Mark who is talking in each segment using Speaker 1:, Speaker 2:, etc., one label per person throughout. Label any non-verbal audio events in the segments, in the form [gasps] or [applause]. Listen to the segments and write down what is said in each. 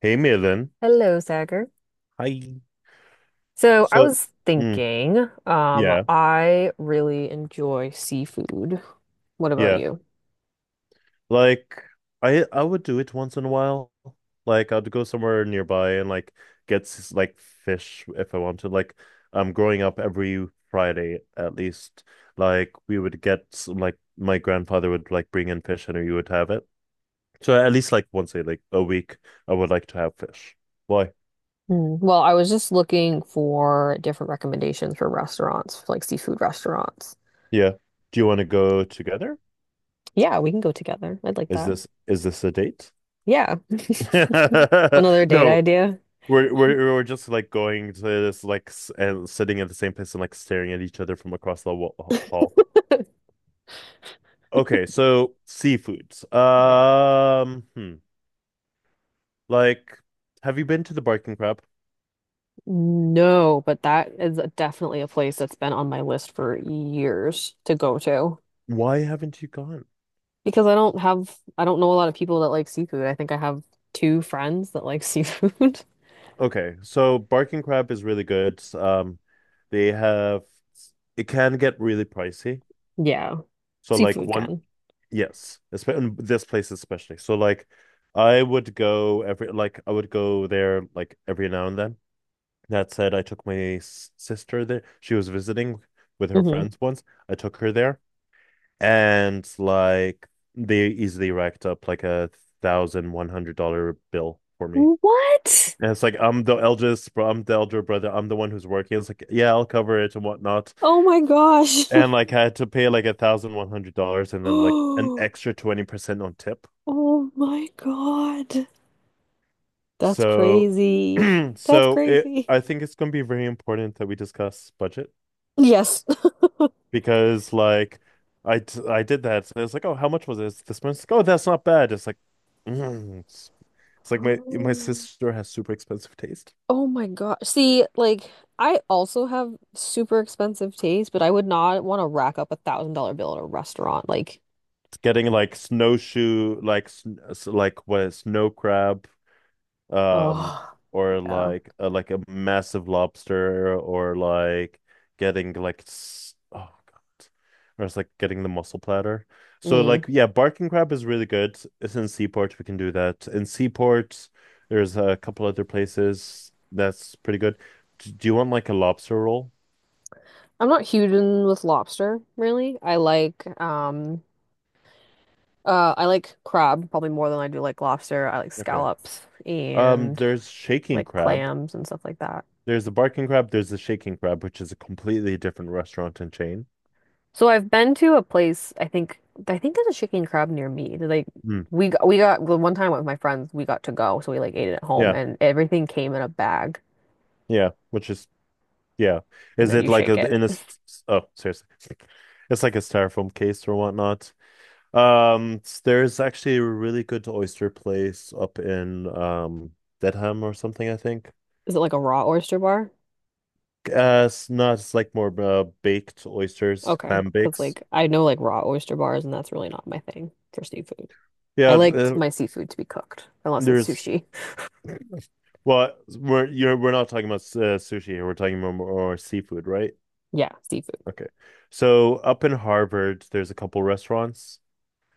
Speaker 1: Hey Malin.
Speaker 2: Hello, Sagar.
Speaker 1: Hi.
Speaker 2: So I
Speaker 1: So,
Speaker 2: was
Speaker 1: mm,
Speaker 2: thinking,
Speaker 1: yeah,
Speaker 2: I really enjoy seafood. What about
Speaker 1: yeah.
Speaker 2: you?
Speaker 1: Like I would do it once in a while. Like I'd go somewhere nearby and like get like fish if I wanted. Like growing up every Friday at least, like we would get like my grandfather would like bring in fish and we would have it. So at least like once a like a week I would like to have fish. Why?
Speaker 2: Hmm. Well, I was just looking for different recommendations for restaurants, like seafood restaurants.
Speaker 1: Yeah. Do you want to go together?
Speaker 2: Yeah, we can go together. I'd like
Speaker 1: Is
Speaker 2: that.
Speaker 1: this is this a date?
Speaker 2: Yeah. [laughs] Another
Speaker 1: [laughs]
Speaker 2: date
Speaker 1: No,
Speaker 2: idea.
Speaker 1: we're just like going to this like and sitting at the same place and like staring at each other from across the hall. Okay, so seafoods.
Speaker 2: Yeah.
Speaker 1: Hmm. Like, have you been to the Barking Crab?
Speaker 2: No, but that is definitely a place that's been on my list for years to go to.
Speaker 1: Why haven't you gone?
Speaker 2: Because I don't have, I don't know a lot of people that like seafood. I think I have two friends that like seafood. [laughs]
Speaker 1: Okay, so Barking Crab is really good. They have it can get really pricey.
Speaker 2: Yeah,
Speaker 1: So like
Speaker 2: seafood
Speaker 1: one,
Speaker 2: can.
Speaker 1: yes, in this place especially. So like, I would go every like I would go there like every now and then. That said, I took my sister there. She was visiting with her
Speaker 2: Hmm.
Speaker 1: friends once. I took her there, and like they easily racked up like $1,100 bill for me.
Speaker 2: What?
Speaker 1: And it's like I'm the eldest, bro. I'm the elder brother. I'm the one who's working. It's like yeah, I'll cover it and whatnot.
Speaker 2: Oh my gosh.
Speaker 1: And
Speaker 2: [laughs]
Speaker 1: like I had to pay like $1,100 and then like an
Speaker 2: [gasps]
Speaker 1: extra 20% on tip.
Speaker 2: Oh my God. That's
Speaker 1: So,
Speaker 2: crazy.
Speaker 1: [clears throat]
Speaker 2: That's
Speaker 1: so it
Speaker 2: crazy.
Speaker 1: I think it's gonna be very important that we discuss budget
Speaker 2: Yes. [gasps]
Speaker 1: because like I did that. So I was like, oh, how much was this? This month like, oh, that's not bad. It's like, mm. It's, it's like my
Speaker 2: Oh,
Speaker 1: sister has super expensive taste.
Speaker 2: oh my gosh. See, like, I also have super expensive taste, but I would not want to rack up a $1,000 bill at a restaurant. Like,
Speaker 1: It's getting like snowshoe, like like what snow crab um
Speaker 2: oh,
Speaker 1: or
Speaker 2: yeah.
Speaker 1: like a massive lobster or like getting like oh God. Or it's like getting the mussel platter. So like
Speaker 2: Mm.
Speaker 1: yeah, Barking Crab is really good. It's in Seaport, we can do that. In Seaport, there's a couple other places that's pretty good. Do you want like a lobster roll?
Speaker 2: I'm not huge in with lobster, really. I like crab probably more than I do like lobster. I like
Speaker 1: Okay.
Speaker 2: scallops and
Speaker 1: There's Shaking
Speaker 2: like
Speaker 1: Crab.
Speaker 2: clams and stuff like that.
Speaker 1: There's the Barking Crab. There's the Shaking Crab, which is a completely different restaurant and chain.
Speaker 2: So I've been to a place, I think there's a chicken and crab near me. They're like
Speaker 1: Mm.
Speaker 2: we got the one time with my friends, we got to go, so we like ate it at home
Speaker 1: Yeah,
Speaker 2: and everything came in a bag
Speaker 1: yeah, which is yeah.
Speaker 2: and
Speaker 1: Is
Speaker 2: then
Speaker 1: it
Speaker 2: you
Speaker 1: like a
Speaker 2: shake it.
Speaker 1: in a oh seriously. It's like a styrofoam case or whatnot. Um there's actually a really good oyster place up in Dedham or something, I think.
Speaker 2: [laughs] Is it like a raw oyster bar?
Speaker 1: It's not it's like more baked oysters,
Speaker 2: Okay,
Speaker 1: clam
Speaker 2: 'cause
Speaker 1: bakes.
Speaker 2: like I know like raw oyster bars and that's really not my thing for seafood. I
Speaker 1: Yeah,
Speaker 2: liked my seafood to be cooked, unless it's
Speaker 1: there's
Speaker 2: sushi. [laughs]
Speaker 1: well we're not talking about sushi here. We're talking more seafood, right?
Speaker 2: Yeah, seafood.
Speaker 1: Okay. So up in Harvard, there's a couple restaurants.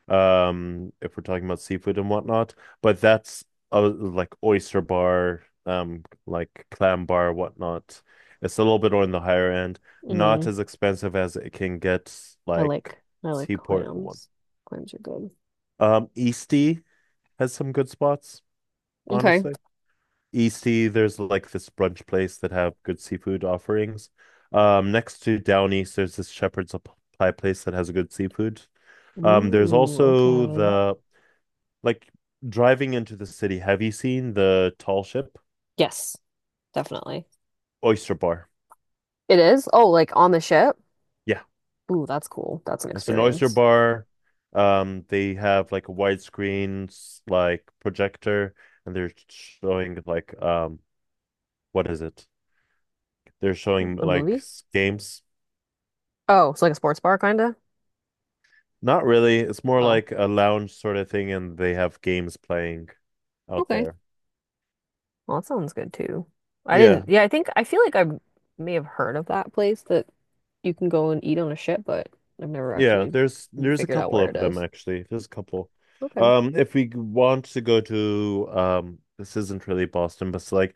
Speaker 1: If we're talking about seafood and whatnot. But that's a, like oyster bar, like clam bar, whatnot. It's a little bit on the higher end, not
Speaker 2: Mm,
Speaker 1: as expensive as it can get,
Speaker 2: I
Speaker 1: like
Speaker 2: like I like
Speaker 1: Seaport one.
Speaker 2: clams. Clams are good.
Speaker 1: Eastie has some good spots,
Speaker 2: Okay.
Speaker 1: honestly. Eastie, there's like this brunch place that have good seafood offerings. Next to Down East, there's this Shepherd's Pie place that has good seafood. There's
Speaker 2: Ooh,
Speaker 1: also
Speaker 2: okay.
Speaker 1: the like driving into the city, have you seen the tall ship?
Speaker 2: Yes, definitely.
Speaker 1: Oyster Bar.
Speaker 2: It is? Oh, like on the ship?
Speaker 1: Yeah,
Speaker 2: Ooh, that's cool. That's an
Speaker 1: it's an oyster
Speaker 2: experience.
Speaker 1: bar. They have like a widescreen like projector, and they're showing like what is it? They're showing
Speaker 2: A
Speaker 1: like
Speaker 2: movie?
Speaker 1: games.
Speaker 2: Oh, it's like a sports bar kinda?
Speaker 1: Not really. It's more
Speaker 2: Oh,
Speaker 1: like a lounge sort of thing, and they have games playing out
Speaker 2: okay.
Speaker 1: there.
Speaker 2: Well, that sounds good too. I
Speaker 1: Yeah.
Speaker 2: didn't, yeah, I think I feel like I may have heard of that place that you can go and eat on a ship, but I've never
Speaker 1: Yeah,
Speaker 2: actually
Speaker 1: there's a
Speaker 2: figured out
Speaker 1: couple
Speaker 2: where
Speaker 1: of
Speaker 2: it
Speaker 1: them
Speaker 2: is.
Speaker 1: actually. There's a couple.
Speaker 2: Okay.
Speaker 1: If we want to go to this isn't really Boston, but it's like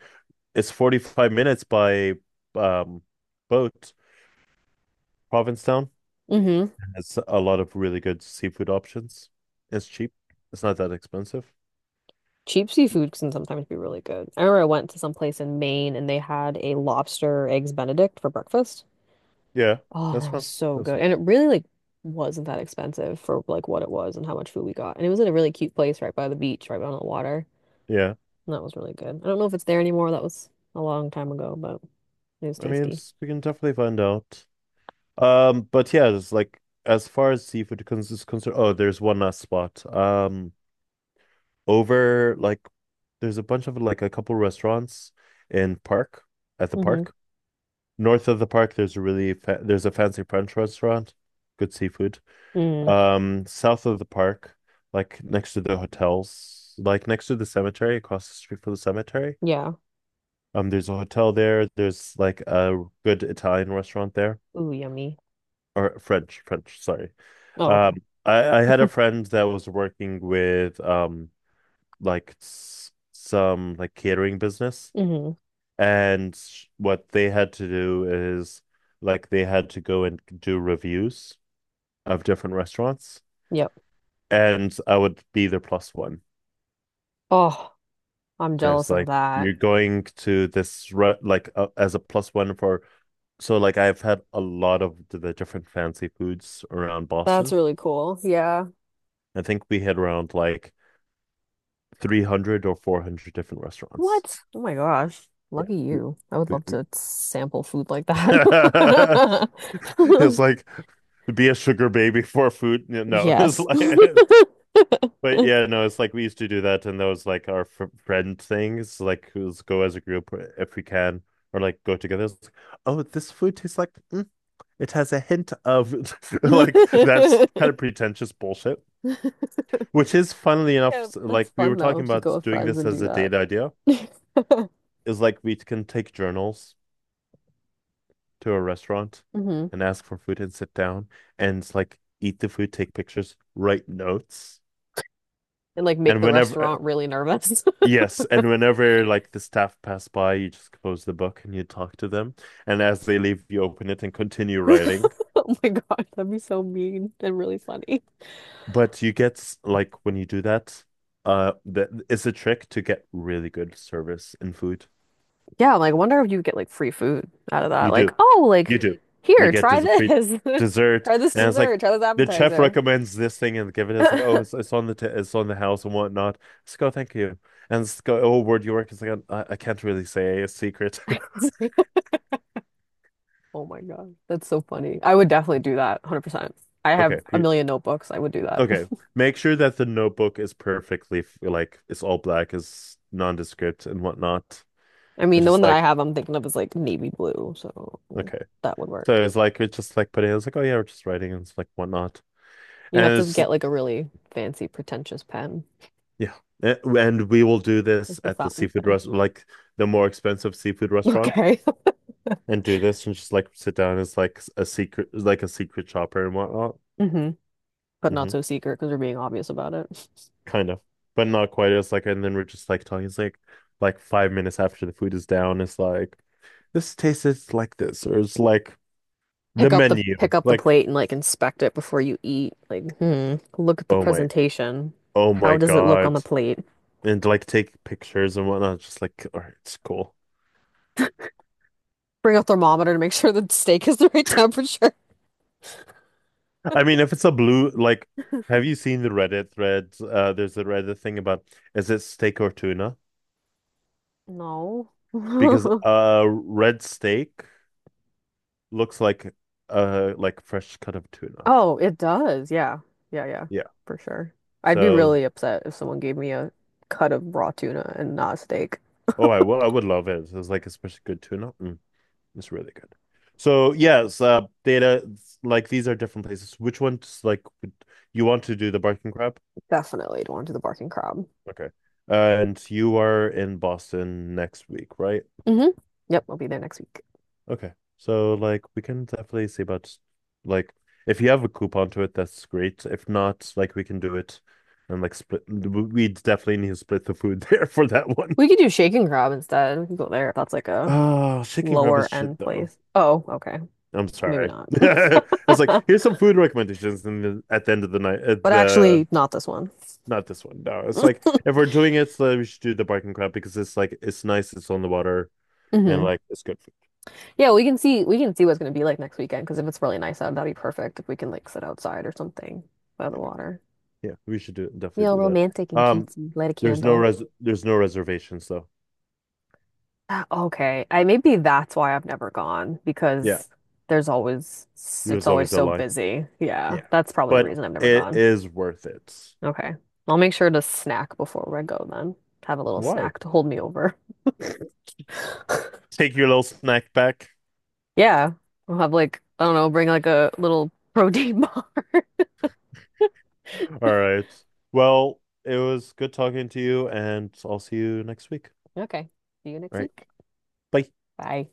Speaker 1: it's 45 minutes by um boat. Provincetown
Speaker 2: Mm-hmm.
Speaker 1: has a lot of really good seafood options. It's cheap. It's not that expensive.
Speaker 2: Cheap seafood can sometimes be really good. I remember I went to some place in Maine and they had a lobster eggs Benedict for breakfast.
Speaker 1: Yeah,
Speaker 2: Oh,
Speaker 1: that's
Speaker 2: that was
Speaker 1: France.
Speaker 2: so
Speaker 1: That's,
Speaker 2: good. And it really like wasn't that expensive for like what it was and how much food we got. And it was in a really cute place right by the beach, right by the water.
Speaker 1: yeah,
Speaker 2: And that was really good. I don't know if it's there anymore. That was a long time ago, but it was
Speaker 1: I mean,
Speaker 2: tasty.
Speaker 1: it's, we can definitely find out. But yeah, it's like as far as seafood cons is concerned. Oh, there's one last spot. Over like there's a bunch of like a couple restaurants in park at the
Speaker 2: Mm-hmm.
Speaker 1: park. North of the park, there's a really fa there's a fancy French restaurant, good seafood.
Speaker 2: Mm.
Speaker 1: South of the park, like next to the hotels, like next to the cemetery, across the street from the cemetery.
Speaker 2: Yeah.
Speaker 1: There's a hotel there. There's like a good Italian restaurant there,
Speaker 2: Ooh, yummy.
Speaker 1: or French, sorry.
Speaker 2: Oh, okay.
Speaker 1: Um, I had a friend that was working with like some like catering business.
Speaker 2: Mm-hmm.
Speaker 1: And what they had to do is like they had to go and do reviews of different restaurants,
Speaker 2: Yep.
Speaker 1: and I would be the plus one.
Speaker 2: Oh, I'm
Speaker 1: So it's
Speaker 2: jealous of
Speaker 1: like you're
Speaker 2: that.
Speaker 1: going to this re like as a plus one for so like I've had a lot of the different fancy foods around
Speaker 2: That's
Speaker 1: Boston.
Speaker 2: really cool. Yeah.
Speaker 1: I think we had around like 300 or 400 different restaurants.
Speaker 2: What? Oh my gosh.
Speaker 1: Yeah.
Speaker 2: Lucky you. I would
Speaker 1: We-
Speaker 2: love
Speaker 1: we-
Speaker 2: to sample food like
Speaker 1: [laughs]
Speaker 2: that.
Speaker 1: It's
Speaker 2: [laughs]
Speaker 1: like be a sugar baby for food. Yeah, no, [laughs] it's
Speaker 2: Yes.
Speaker 1: like
Speaker 2: [laughs]
Speaker 1: but yeah, no, it's like we used to do that, and that was like our fr friend things. Like, let's go as a group if we can, or like go together. It's like, oh, this food tastes like it has a hint of [laughs] like that's kind of pretentious bullshit. Which is funnily enough,
Speaker 2: Yeah, that's
Speaker 1: like we were
Speaker 2: fun though,
Speaker 1: talking
Speaker 2: if you go
Speaker 1: about
Speaker 2: with
Speaker 1: doing
Speaker 2: friends
Speaker 1: this
Speaker 2: and do
Speaker 1: as a
Speaker 2: that.
Speaker 1: date idea,
Speaker 2: [laughs]
Speaker 1: is like we can take journals to a restaurant
Speaker 2: Hmm. And
Speaker 1: and ask for food and sit down and it's like eat the food, take pictures, write notes.
Speaker 2: like make
Speaker 1: And
Speaker 2: the
Speaker 1: whenever
Speaker 2: restaurant really nervous. [laughs]
Speaker 1: yes, and whenever like the staff pass by, you just close the book and you talk to them. And as they leave, you open it and continue writing.
Speaker 2: Oh my gosh, that'd be so mean and really funny.
Speaker 1: But you get like when you do that, that it's a trick to get really good service and food.
Speaker 2: Yeah, I'm like, I wonder if you get like free food out of that.
Speaker 1: You
Speaker 2: Like,
Speaker 1: do,
Speaker 2: oh, like
Speaker 1: you do. You
Speaker 2: here,
Speaker 1: get
Speaker 2: try
Speaker 1: des [laughs] free
Speaker 2: this. [laughs]
Speaker 1: dessert,
Speaker 2: Try this
Speaker 1: and it's
Speaker 2: dessert,
Speaker 1: like
Speaker 2: try this
Speaker 1: the chef
Speaker 2: appetizer.
Speaker 1: recommends this thing and give it. It's like, oh, it's on the t it's on the house and whatnot. Let's go, thank you. And let's go, oh, where do you work? It's like, I can't really say a secret. [laughs]
Speaker 2: [laughs] [laughs] Oh my God. That's so funny. I would definitely do that 100%. I have
Speaker 1: Okay,
Speaker 2: a
Speaker 1: we
Speaker 2: million notebooks. I would do that.
Speaker 1: okay. Make sure that the notebook is perfectly like it's all black, is nondescript and whatnot.
Speaker 2: [laughs] I
Speaker 1: And
Speaker 2: mean, the one
Speaker 1: just
Speaker 2: that
Speaker 1: like
Speaker 2: I have, I'm thinking of is like navy blue. So
Speaker 1: okay.
Speaker 2: that would
Speaker 1: So
Speaker 2: work.
Speaker 1: it's like it's just like putting it's like, oh yeah, we're just writing and it's like whatnot.
Speaker 2: You have
Speaker 1: And
Speaker 2: to
Speaker 1: it's
Speaker 2: get like a really fancy, pretentious pen,
Speaker 1: yeah. And we will do
Speaker 2: like
Speaker 1: this
Speaker 2: a
Speaker 1: at the
Speaker 2: fountain
Speaker 1: seafood
Speaker 2: pen. [laughs]
Speaker 1: restaurant like the more expensive seafood restaurants
Speaker 2: Okay.
Speaker 1: and do this and just like sit down as like a secret shopper and whatnot.
Speaker 2: [laughs] Hmm. But not
Speaker 1: Mhm.
Speaker 2: so secret because we're being obvious about it.
Speaker 1: Kind of, but not quite. It's like, and then we're just like talking. It's like 5 minutes after the food is down, it's like, this tastes like this, or it's like
Speaker 2: [laughs]
Speaker 1: the
Speaker 2: Pick up the
Speaker 1: menu.
Speaker 2: pick up the
Speaker 1: Like,
Speaker 2: plate and like inspect it before you eat. Like, hmm, look at the
Speaker 1: oh my,
Speaker 2: presentation.
Speaker 1: oh
Speaker 2: How
Speaker 1: my
Speaker 2: does it look on the
Speaker 1: God.
Speaker 2: plate?
Speaker 1: And like take pictures and whatnot. Just like, all right, it's cool.
Speaker 2: Bring a thermometer to make sure the steak is the right temperature.
Speaker 1: I mean, if it's a blue, like,
Speaker 2: [laughs]
Speaker 1: have you seen the Reddit threads? There's a Reddit thing about is it steak or tuna?
Speaker 2: No.
Speaker 1: Because
Speaker 2: [laughs]
Speaker 1: red steak looks like fresh cut of tuna.
Speaker 2: Oh, it does. Yeah. Yeah, yeah.
Speaker 1: Yeah.
Speaker 2: For sure. I'd be
Speaker 1: So.
Speaker 2: really upset if someone gave me a cut of raw tuna and not a steak.
Speaker 1: Oh, I will. I would love it. It's like especially good tuna. Mm, it's really good. So yes, data like these are different places. Which ones like would you want to do the Barking Crab?
Speaker 2: Definitely don't want to do the barking crab.
Speaker 1: Okay. And you are in Boston next week, right?
Speaker 2: Hmm. Yep, I'll be there next week.
Speaker 1: Okay. So like we can definitely see about like if you have a coupon to it, that's great. If not, like we can do it and like split. We definitely need to split the food [laughs] there for that one.
Speaker 2: We could do shaking crab instead. We could go there if that's like a
Speaker 1: Oh, chicken crab is
Speaker 2: lower
Speaker 1: shit
Speaker 2: end
Speaker 1: though.
Speaker 2: place. Oh, okay.
Speaker 1: I'm
Speaker 2: So maybe
Speaker 1: sorry.
Speaker 2: not.
Speaker 1: [laughs]
Speaker 2: [laughs]
Speaker 1: it's like here's some food recommendations, and at the end of the night, at
Speaker 2: But
Speaker 1: the
Speaker 2: actually, not this one.
Speaker 1: not this one. No, it's
Speaker 2: [laughs]
Speaker 1: like if we're doing it, so we should do the Barking Crab because it's like it's nice, it's on the water, and
Speaker 2: Hmm.
Speaker 1: like it's good food.
Speaker 2: Yeah, we can see what's gonna be like next weekend because if it's really nice out, that'd be perfect if we can like sit outside or something by the
Speaker 1: Yeah,
Speaker 2: water.
Speaker 1: yeah, we should do
Speaker 2: Real
Speaker 1: definitely do that.
Speaker 2: romantic and
Speaker 1: Um,
Speaker 2: cutesy. Light a candle.
Speaker 1: there's no reservations though.
Speaker 2: Ah, okay, I maybe that's why I've never gone
Speaker 1: Yeah,
Speaker 2: because there's always it's
Speaker 1: there's
Speaker 2: always
Speaker 1: always a
Speaker 2: so
Speaker 1: line.
Speaker 2: busy. Yeah,
Speaker 1: Yeah,
Speaker 2: that's probably the
Speaker 1: but
Speaker 2: reason I've never
Speaker 1: it
Speaker 2: gone.
Speaker 1: is worth it.
Speaker 2: Okay. I'll make sure to snack before I go then. Have a little
Speaker 1: Why?
Speaker 2: snack to hold me over.
Speaker 1: [laughs]
Speaker 2: [laughs]
Speaker 1: Take your little snack back.
Speaker 2: Yeah. I'll have like, I don't know, bring like a little protein [laughs] bar. [laughs]
Speaker 1: All right. Well, it was good talking to you, and I'll see you next week.
Speaker 2: Okay. See you next
Speaker 1: All right.
Speaker 2: week.
Speaker 1: Bye.
Speaker 2: Bye.